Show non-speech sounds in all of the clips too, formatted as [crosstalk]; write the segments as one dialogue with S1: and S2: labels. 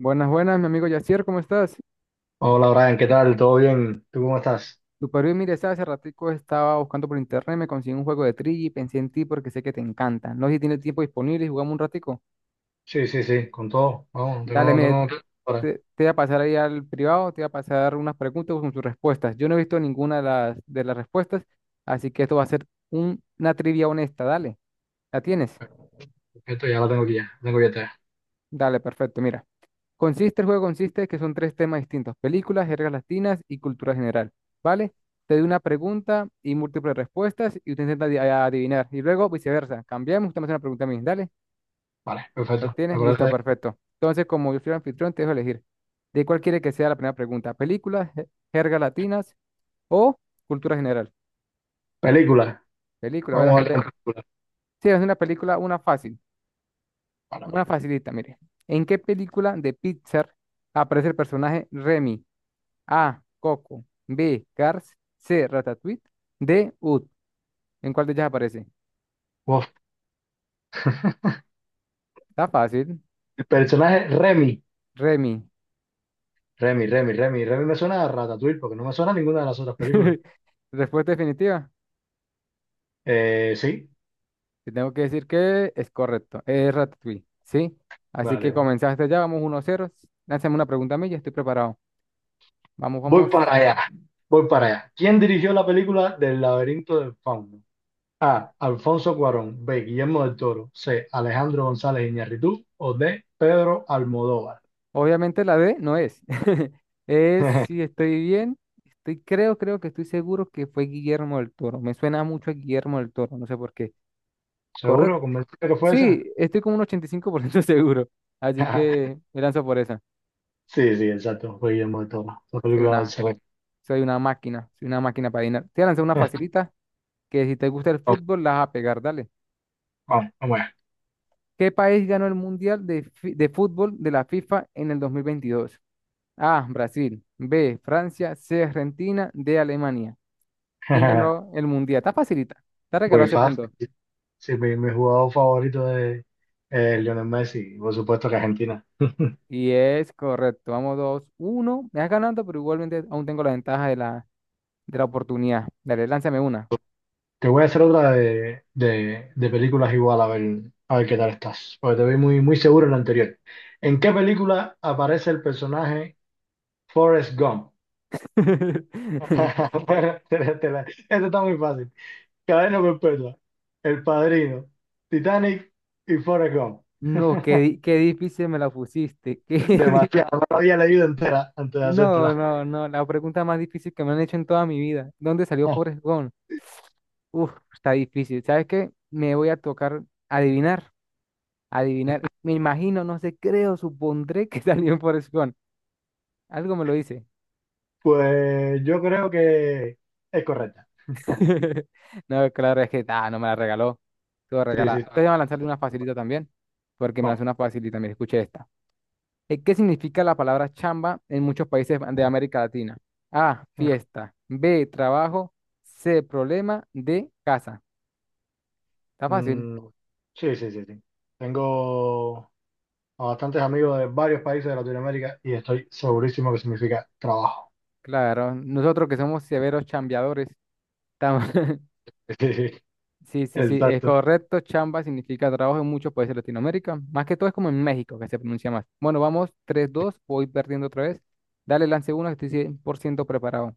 S1: Buenas, buenas, mi amigo Yacier, ¿cómo estás?
S2: Hola Brian, ¿qué tal? ¿Todo bien? ¿Tú cómo estás?
S1: Super bien, mire, ¿sabes? Hace ratico estaba buscando por internet, me conseguí un juego de trivia y pensé en ti porque sé que te encanta. No sé si tienes tiempo disponible y jugamos un ratico.
S2: Sí, sí, sí, con todo. Vamos,
S1: Dale,
S2: tengo,
S1: mire,
S2: tengo, ahora,
S1: te voy a pasar ahí al privado, te voy a pasar unas preguntas con sus respuestas. Yo no he visto ninguna de las respuestas, así que esto va a ser una trivia honesta, dale. ¿La tienes?
S2: perfecto, ya la tengo aquí ya, la tengo ya. Ya.
S1: Dale, perfecto, mira. Consiste, el juego consiste en que son tres temas distintos, películas, jergas latinas y cultura general, ¿vale? Te doy una pregunta y múltiples respuestas y usted intenta adivinar. Y luego viceversa, cambiamos, usted me hace una pregunta a mí, dale,
S2: Vale,
S1: ¿lo
S2: perfecto. ¿Me
S1: tienes?
S2: acuerdas
S1: Listo, perfecto. Entonces, como yo soy el anfitrión, te dejo elegir. ¿De cuál quiere que sea la primera pregunta? ¿Películas, jergas latinas o cultura general?
S2: película?
S1: Película, voy a
S2: Vamos a ver
S1: lanzarle.
S2: con película.
S1: Sí, es una película, una fácil,
S2: Vale,
S1: una
S2: vale.
S1: facilita, mire. ¿En qué película de Pixar aparece el personaje Remy? A. Coco. B. Cars. C. Ratatouille. D. Ud. ¿En cuál de ellas aparece?
S2: Uf, [laughs]
S1: Está fácil.
S2: El personaje Remy,
S1: Remy.
S2: Remy me suena a Ratatouille porque no me suena a ninguna de las otras películas.
S1: [laughs] Respuesta definitiva.
S2: Sí,
S1: Te tengo que decir que es correcto. Es Ratatouille. ¿Sí? Así
S2: vale,
S1: que
S2: vale.
S1: comenzaste ya. Vamos 1-0. Lánzame una pregunta a mí. Ya estoy preparado. Vamos,
S2: Voy
S1: vamos.
S2: para allá, voy para allá. ¿Quién dirigió la película del laberinto del fauno? A. Alfonso Cuarón. B. Guillermo del Toro. C. Alejandro González Iñárritu. O D. Pedro Almodóvar.
S1: Obviamente la D no es. [laughs] Es
S2: [laughs]
S1: si estoy bien. Estoy, creo que estoy seguro que fue Guillermo del Toro. Me suena mucho a Guillermo del Toro. No sé por qué. Correcto.
S2: ¿Seguro? ¿Convencido que fue esa?
S1: Sí, estoy como un 85% [laughs] seguro. Así
S2: [laughs]
S1: que me lanzo por esa.
S2: Sí, sí, exacto. Fue Guillermo del Toro. La
S1: Soy
S2: película del
S1: una,
S2: CB.
S1: soy una máquina, soy una máquina para adivinar. Te voy a lanzar una
S2: [laughs]
S1: facilita que si te gusta el
S2: Vamos,
S1: fútbol, la vas a pegar, dale.
S2: vamos. Vamos.
S1: ¿Qué país ganó el Mundial de Fútbol de la FIFA en el 2022? A, Brasil. B, Francia. C, Argentina. D, Alemania. ¿Quién
S2: [laughs]
S1: ganó el Mundial? Está facilita. Te regaló
S2: Muy
S1: ese
S2: fácil.
S1: punto.
S2: Sí, mi jugador favorito de Lionel Messi. Por supuesto que Argentina. [laughs]
S1: Y es correcto. Vamos dos, uno. Me vas ganando, pero igualmente aún tengo la ventaja de la oportunidad. Dale, lánzame una.
S2: Te voy a hacer otra de películas igual, a ver qué tal estás. Porque te vi muy, muy seguro en la anterior. ¿En qué película aparece el personaje Forrest Gump?
S1: [laughs]
S2: [laughs] Bueno, esto está muy fácil. Cadena perpetua. El Padrino. Titanic y Forrest Gump.
S1: No, qué, qué difícil me la pusiste. [laughs]
S2: Demasiado. No la había leído entera antes de
S1: No,
S2: hacértela. [laughs]
S1: no, no, la pregunta más difícil que me han hecho en toda mi vida. ¿Dónde salió
S2: Ah,
S1: Forrest Gump? Uf, está difícil. ¿Sabes qué? Me voy a tocar adivinar, adivinar. Me imagino, no sé, creo, supondré que [laughs] salió en Forrest Gump. Algo me lo dice.
S2: pues yo creo que es correcta.
S1: [laughs] No, claro, es que ah, no me la regaló. Todo
S2: Sí,
S1: regalada.
S2: sí.
S1: Entonces voy a lanzarle una facilita también, porque me hace
S2: Vamos.
S1: una facilita. Mira, escuché esta. ¿Qué significa la palabra chamba en muchos países de América Latina? A, fiesta. B, trabajo. C, problema. D, casa. Está fácil.
S2: Mm, sí, sí, sí, sí. Tengo a bastantes amigos de varios países de Latinoamérica y estoy segurísimo que significa trabajo.
S1: Claro, nosotros que somos severos chambeadores estamos- [laughs]
S2: [laughs] Sí, sí.
S1: Sí, sí, sí, es
S2: Exacto.
S1: correcto. Chamba significa trabajo en muchos países de Latinoamérica. Más que todo es como en México que se pronuncia más. Bueno, vamos, tres, dos, voy perdiendo otra vez. Dale, lance uno, que estoy 100% preparado.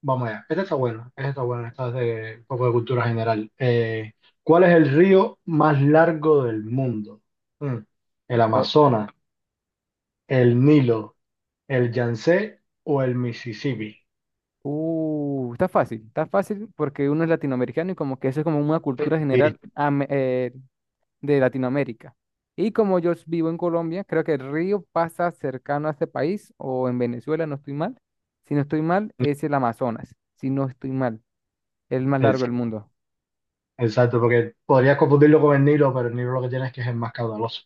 S2: Vamos allá. Esta está buena. Esta está buena. Esta es de un poco de cultura general. ¿Cuál es el río más largo del mundo? Mm, ¿El Amazonas, el Nilo, el Yangtze o el Mississippi?
S1: Está fácil porque uno es latinoamericano y como que eso es como una cultura
S2: Sí,
S1: general de Latinoamérica. Y como yo vivo en Colombia, creo que el río pasa cercano a este país o en Venezuela, no estoy mal. Si no estoy mal, es el Amazonas. Si no estoy mal, el más largo
S2: ex-
S1: del mundo.
S2: exacto, porque podrías confundirlo con el Nilo, pero el Nilo lo que tiene es que es el más caudaloso.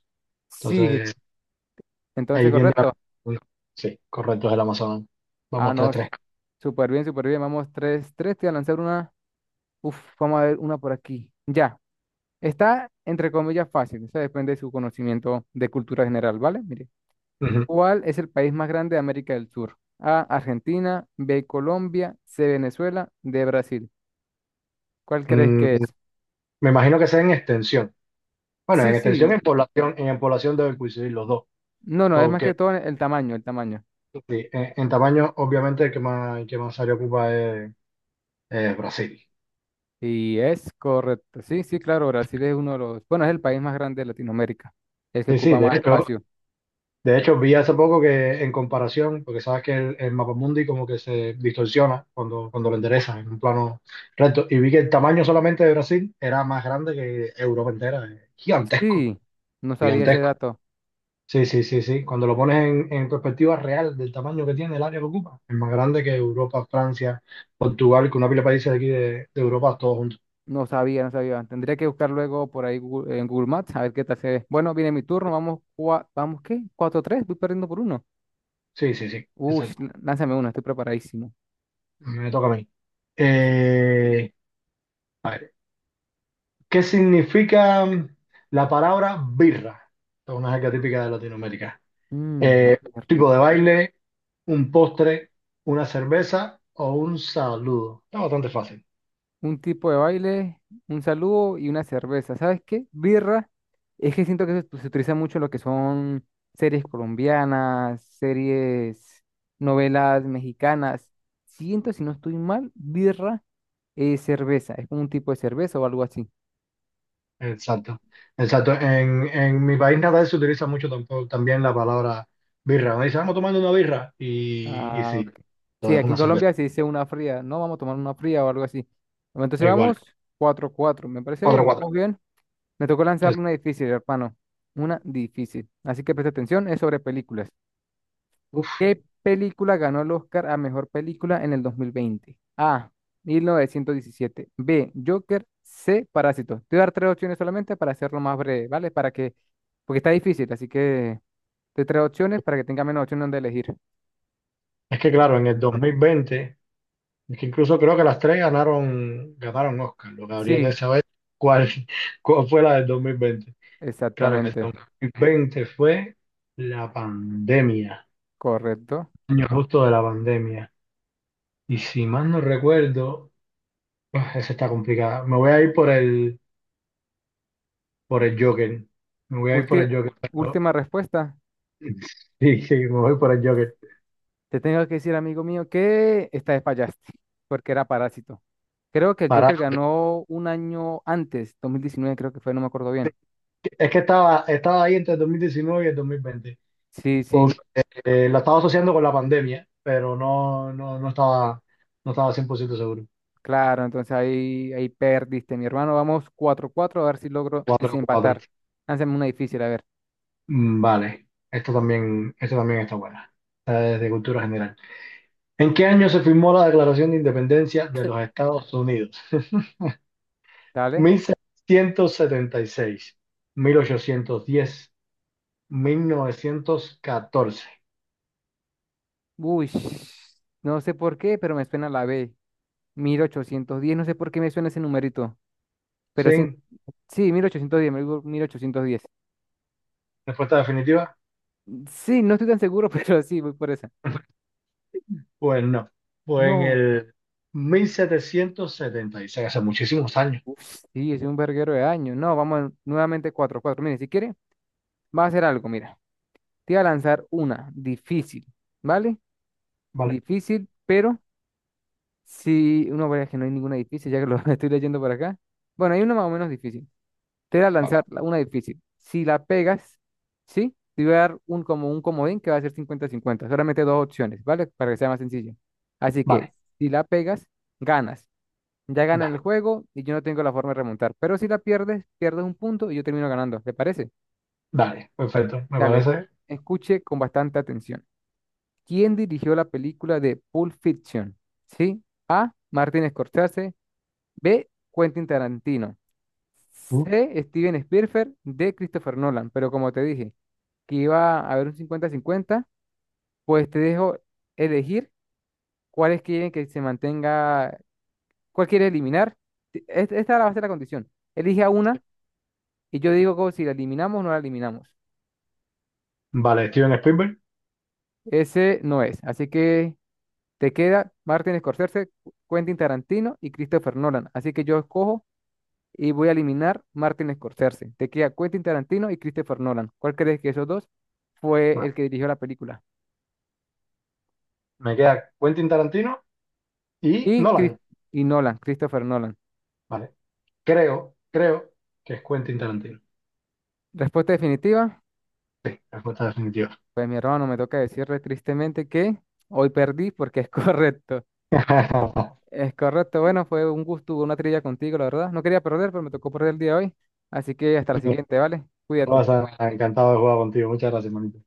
S1: Sí,
S2: Entonces,
S1: entonces
S2: ahí tiende la...
S1: correcto.
S2: Sí, correcto, es el Amazonas.
S1: Ah,
S2: Vamos, tres
S1: no,
S2: tres.
S1: súper bien, súper bien. Vamos, tres, tres, te voy a lanzar una. Uf, vamos a ver una por aquí. Ya. Está, entre comillas, fácil. Eso depende de su conocimiento de cultura general, ¿vale? Mire,
S2: Ujú.
S1: ¿cuál es el país más grande de América del Sur? A, Argentina, B, Colombia, C, Venezuela, D, Brasil. ¿Cuál crees
S2: Mm,
S1: que es?
S2: me imagino que sea en extensión. Bueno,
S1: Sí,
S2: en extensión,
S1: sí.
S2: en población deben coincidir los dos.
S1: No, no, es más
S2: Porque
S1: que todo el tamaño, el tamaño.
S2: sí, en tamaño, obviamente, el que más área ocupa es Brasil.
S1: Y es correcto. Sí, sí, claro, Brasil es uno de los, bueno, es el país más grande de Latinoamérica, el que
S2: Sí, sí,
S1: ocupa
S2: de
S1: más
S2: hecho,
S1: espacio.
S2: de hecho, vi hace poco que en comparación, porque sabes que el mapamundi como que se distorsiona cuando lo enderezas en un plano recto, y vi que el tamaño solamente de Brasil era más grande que Europa entera, gigantesco,
S1: Sí, no sabía ese
S2: gigantesco.
S1: dato.
S2: Sí, sí, sí, sí, cuando lo pones en perspectiva real del tamaño que tiene el área que ocupa, es más grande que Europa, Francia, Portugal, que una pila de países de aquí de Europa, todos juntos.
S1: No sabía, no sabía. Tendría que buscar luego por ahí en Google Maps a ver qué tal se ve. Bueno, viene mi turno. Vamos, vamos, qué cuatro tres voy perdiendo por uno.
S2: Sí, sí, sí,
S1: Uy,
S2: exacto.
S1: lánzame una, estoy preparadísimo.
S2: Me toca a mí.
S1: Sí.
S2: Eh, a ver, ¿qué significa la palabra birra? Es una jerga típica de Latinoamérica.
S1: Mm,
S2: Eh,
S1: birra.
S2: tipo de baile, un postre, una cerveza o un saludo. Está bastante fácil.
S1: Un tipo de baile, un saludo y una cerveza. ¿Sabes qué? Birra. Es que siento que se utiliza mucho en lo que son series colombianas, series, novelas mexicanas. Siento, si no estoy mal, birra es cerveza. Es como un tipo de cerveza o algo así.
S2: Exacto. Exacto. En mi país natal se utiliza mucho también la palabra birra. Me dicen, vamos tomando una birra. Y
S1: Ah,
S2: sí,
S1: ok. Sí,
S2: entonces
S1: aquí en
S2: una cerveza.
S1: Colombia se dice una fría. No, vamos a tomar una fría o algo así. Bueno, entonces
S2: Es igual.
S1: vamos cuatro cuatro. Me parece
S2: Cuatro
S1: bien,
S2: cuatro.
S1: vamos bien. Me tocó
S2: Es,
S1: lanzarle una difícil, hermano. Una difícil. Así que presta atención, es sobre películas.
S2: uf.
S1: ¿Qué película ganó el Oscar a mejor película en el 2020? A. 1917. B. Joker. C. Parásitos. Te voy a dar tres opciones solamente para hacerlo más breve, ¿vale? Para que. Porque está difícil, así que. Te tres opciones para que tenga menos opciones donde elegir.
S2: Es que claro, en el 2020. Es que incluso creo que las tres ganaron Oscar. Lo que habría que
S1: Sí,
S2: saber cuál, [laughs] cuál fue la del 2020. Claro, el
S1: exactamente,
S2: 2020 fue la pandemia,
S1: correcto.
S2: año justo de la pandemia. Y si mal no recuerdo, ah, esa está complicada. Me voy a ir por el Joker. Me voy a ir por
S1: Ulti-
S2: el Joker.
S1: última respuesta.
S2: [laughs] Sí, sí, me voy por el Joker.
S1: Te tengo que decir, amigo mío, que esta vez fallaste, porque era Parásito. Creo que el
S2: Para,
S1: Joker ganó un año antes, 2019 creo que fue, no me acuerdo bien.
S2: es que estaba ahí entre el 2019 y el 2020.
S1: Sí, sí, no,
S2: La estaba asociando con la pandemia, pero no, no, no estaba 100% seguro.
S1: claro, entonces ahí, ahí perdiste, mi hermano. Vamos cuatro cuatro a ver si logro
S2: Cuatro 4.
S1: desempatar. Lánzame una difícil, a ver,
S2: Vale, esto también está buena. Esta es cultura general. ¿En qué año se firmó la Declaración de Independencia de los Estados Unidos? [laughs]
S1: dale.
S2: 1776, 1810, 1914.
S1: Uy, no sé por qué, pero me suena la B. 1810 no sé por qué me suena ese numerito,
S2: ¿Sí?
S1: pero sí. Sí, 1810, me digo 1810.
S2: ¿Respuesta definitiva?
S1: Sí, no estoy tan seguro, [laughs] pero sí, voy por esa.
S2: Pues no. Fue en
S1: No,
S2: el 1776, hace muchísimos años.
S1: uf, sí, es un verguero de años. No, vamos a nuevamente cuatro, cuatro. Mire, si quiere, va a hacer algo, mira. Te voy a lanzar una difícil, ¿vale?
S2: Vale,
S1: Difícil, pero si uno ve que no hay ninguna difícil, ya que lo [laughs] estoy leyendo por acá. Bueno, hay una más o menos difícil. Te voy a lanzar
S2: vale,
S1: una difícil. Si la pegas, ¿sí? Te voy a dar un, como un comodín que va a ser 50/50. Solamente dos opciones, ¿vale? Para que sea más sencillo. Así que,
S2: vale.
S1: si la pegas, ganas. Ya gana el
S2: Dale,
S1: juego y yo no tengo la forma de remontar. Pero si la pierdes, pierdes un punto y yo termino ganando. ¿Te parece?
S2: dale, perfecto, me
S1: Dale,
S2: parece.
S1: escuche con bastante atención. ¿Quién dirigió la película de Pulp Fiction? ¿Sí? A. Martin Scorsese. B. Quentin Tarantino.
S2: Uh,
S1: C. Steven Spielberg. D. Christopher Nolan. Pero como te dije que iba a haber un 50/50, pues te dejo elegir cuáles quieren que se mantenga, cuál quieres eliminar. Esta va a ser la condición. Elige a una y yo digo como si la eliminamos o no la eliminamos.
S2: Vale, Steven Spielberg.
S1: Ese no es. Así que te queda Martin Scorsese, Quentin Tarantino y Christopher Nolan. Así que yo escojo y voy a eliminar Martin Scorsese. Te queda Quentin Tarantino y Christopher Nolan. ¿Cuál crees que esos dos fue
S2: Vale.
S1: el que dirigió la película?
S2: Me queda Quentin Tarantino y
S1: Y, Chris-
S2: Nolan.
S1: y Nolan, Christopher Nolan.
S2: Vale, creo que es Quentin Tarantino.
S1: Respuesta definitiva.
S2: Sí, respuesta definitiva.
S1: Pues mi hermano, me toca decirle tristemente que hoy perdí porque es [laughs] correcto.
S2: [laughs]
S1: Es correcto. Bueno, fue un gusto, una trilla contigo, la verdad. No quería perder, pero me tocó perder el día de hoy. Así que hasta la siguiente, ¿vale? Cuídate.
S2: Me encantado de jugar contigo. Muchas gracias, manito.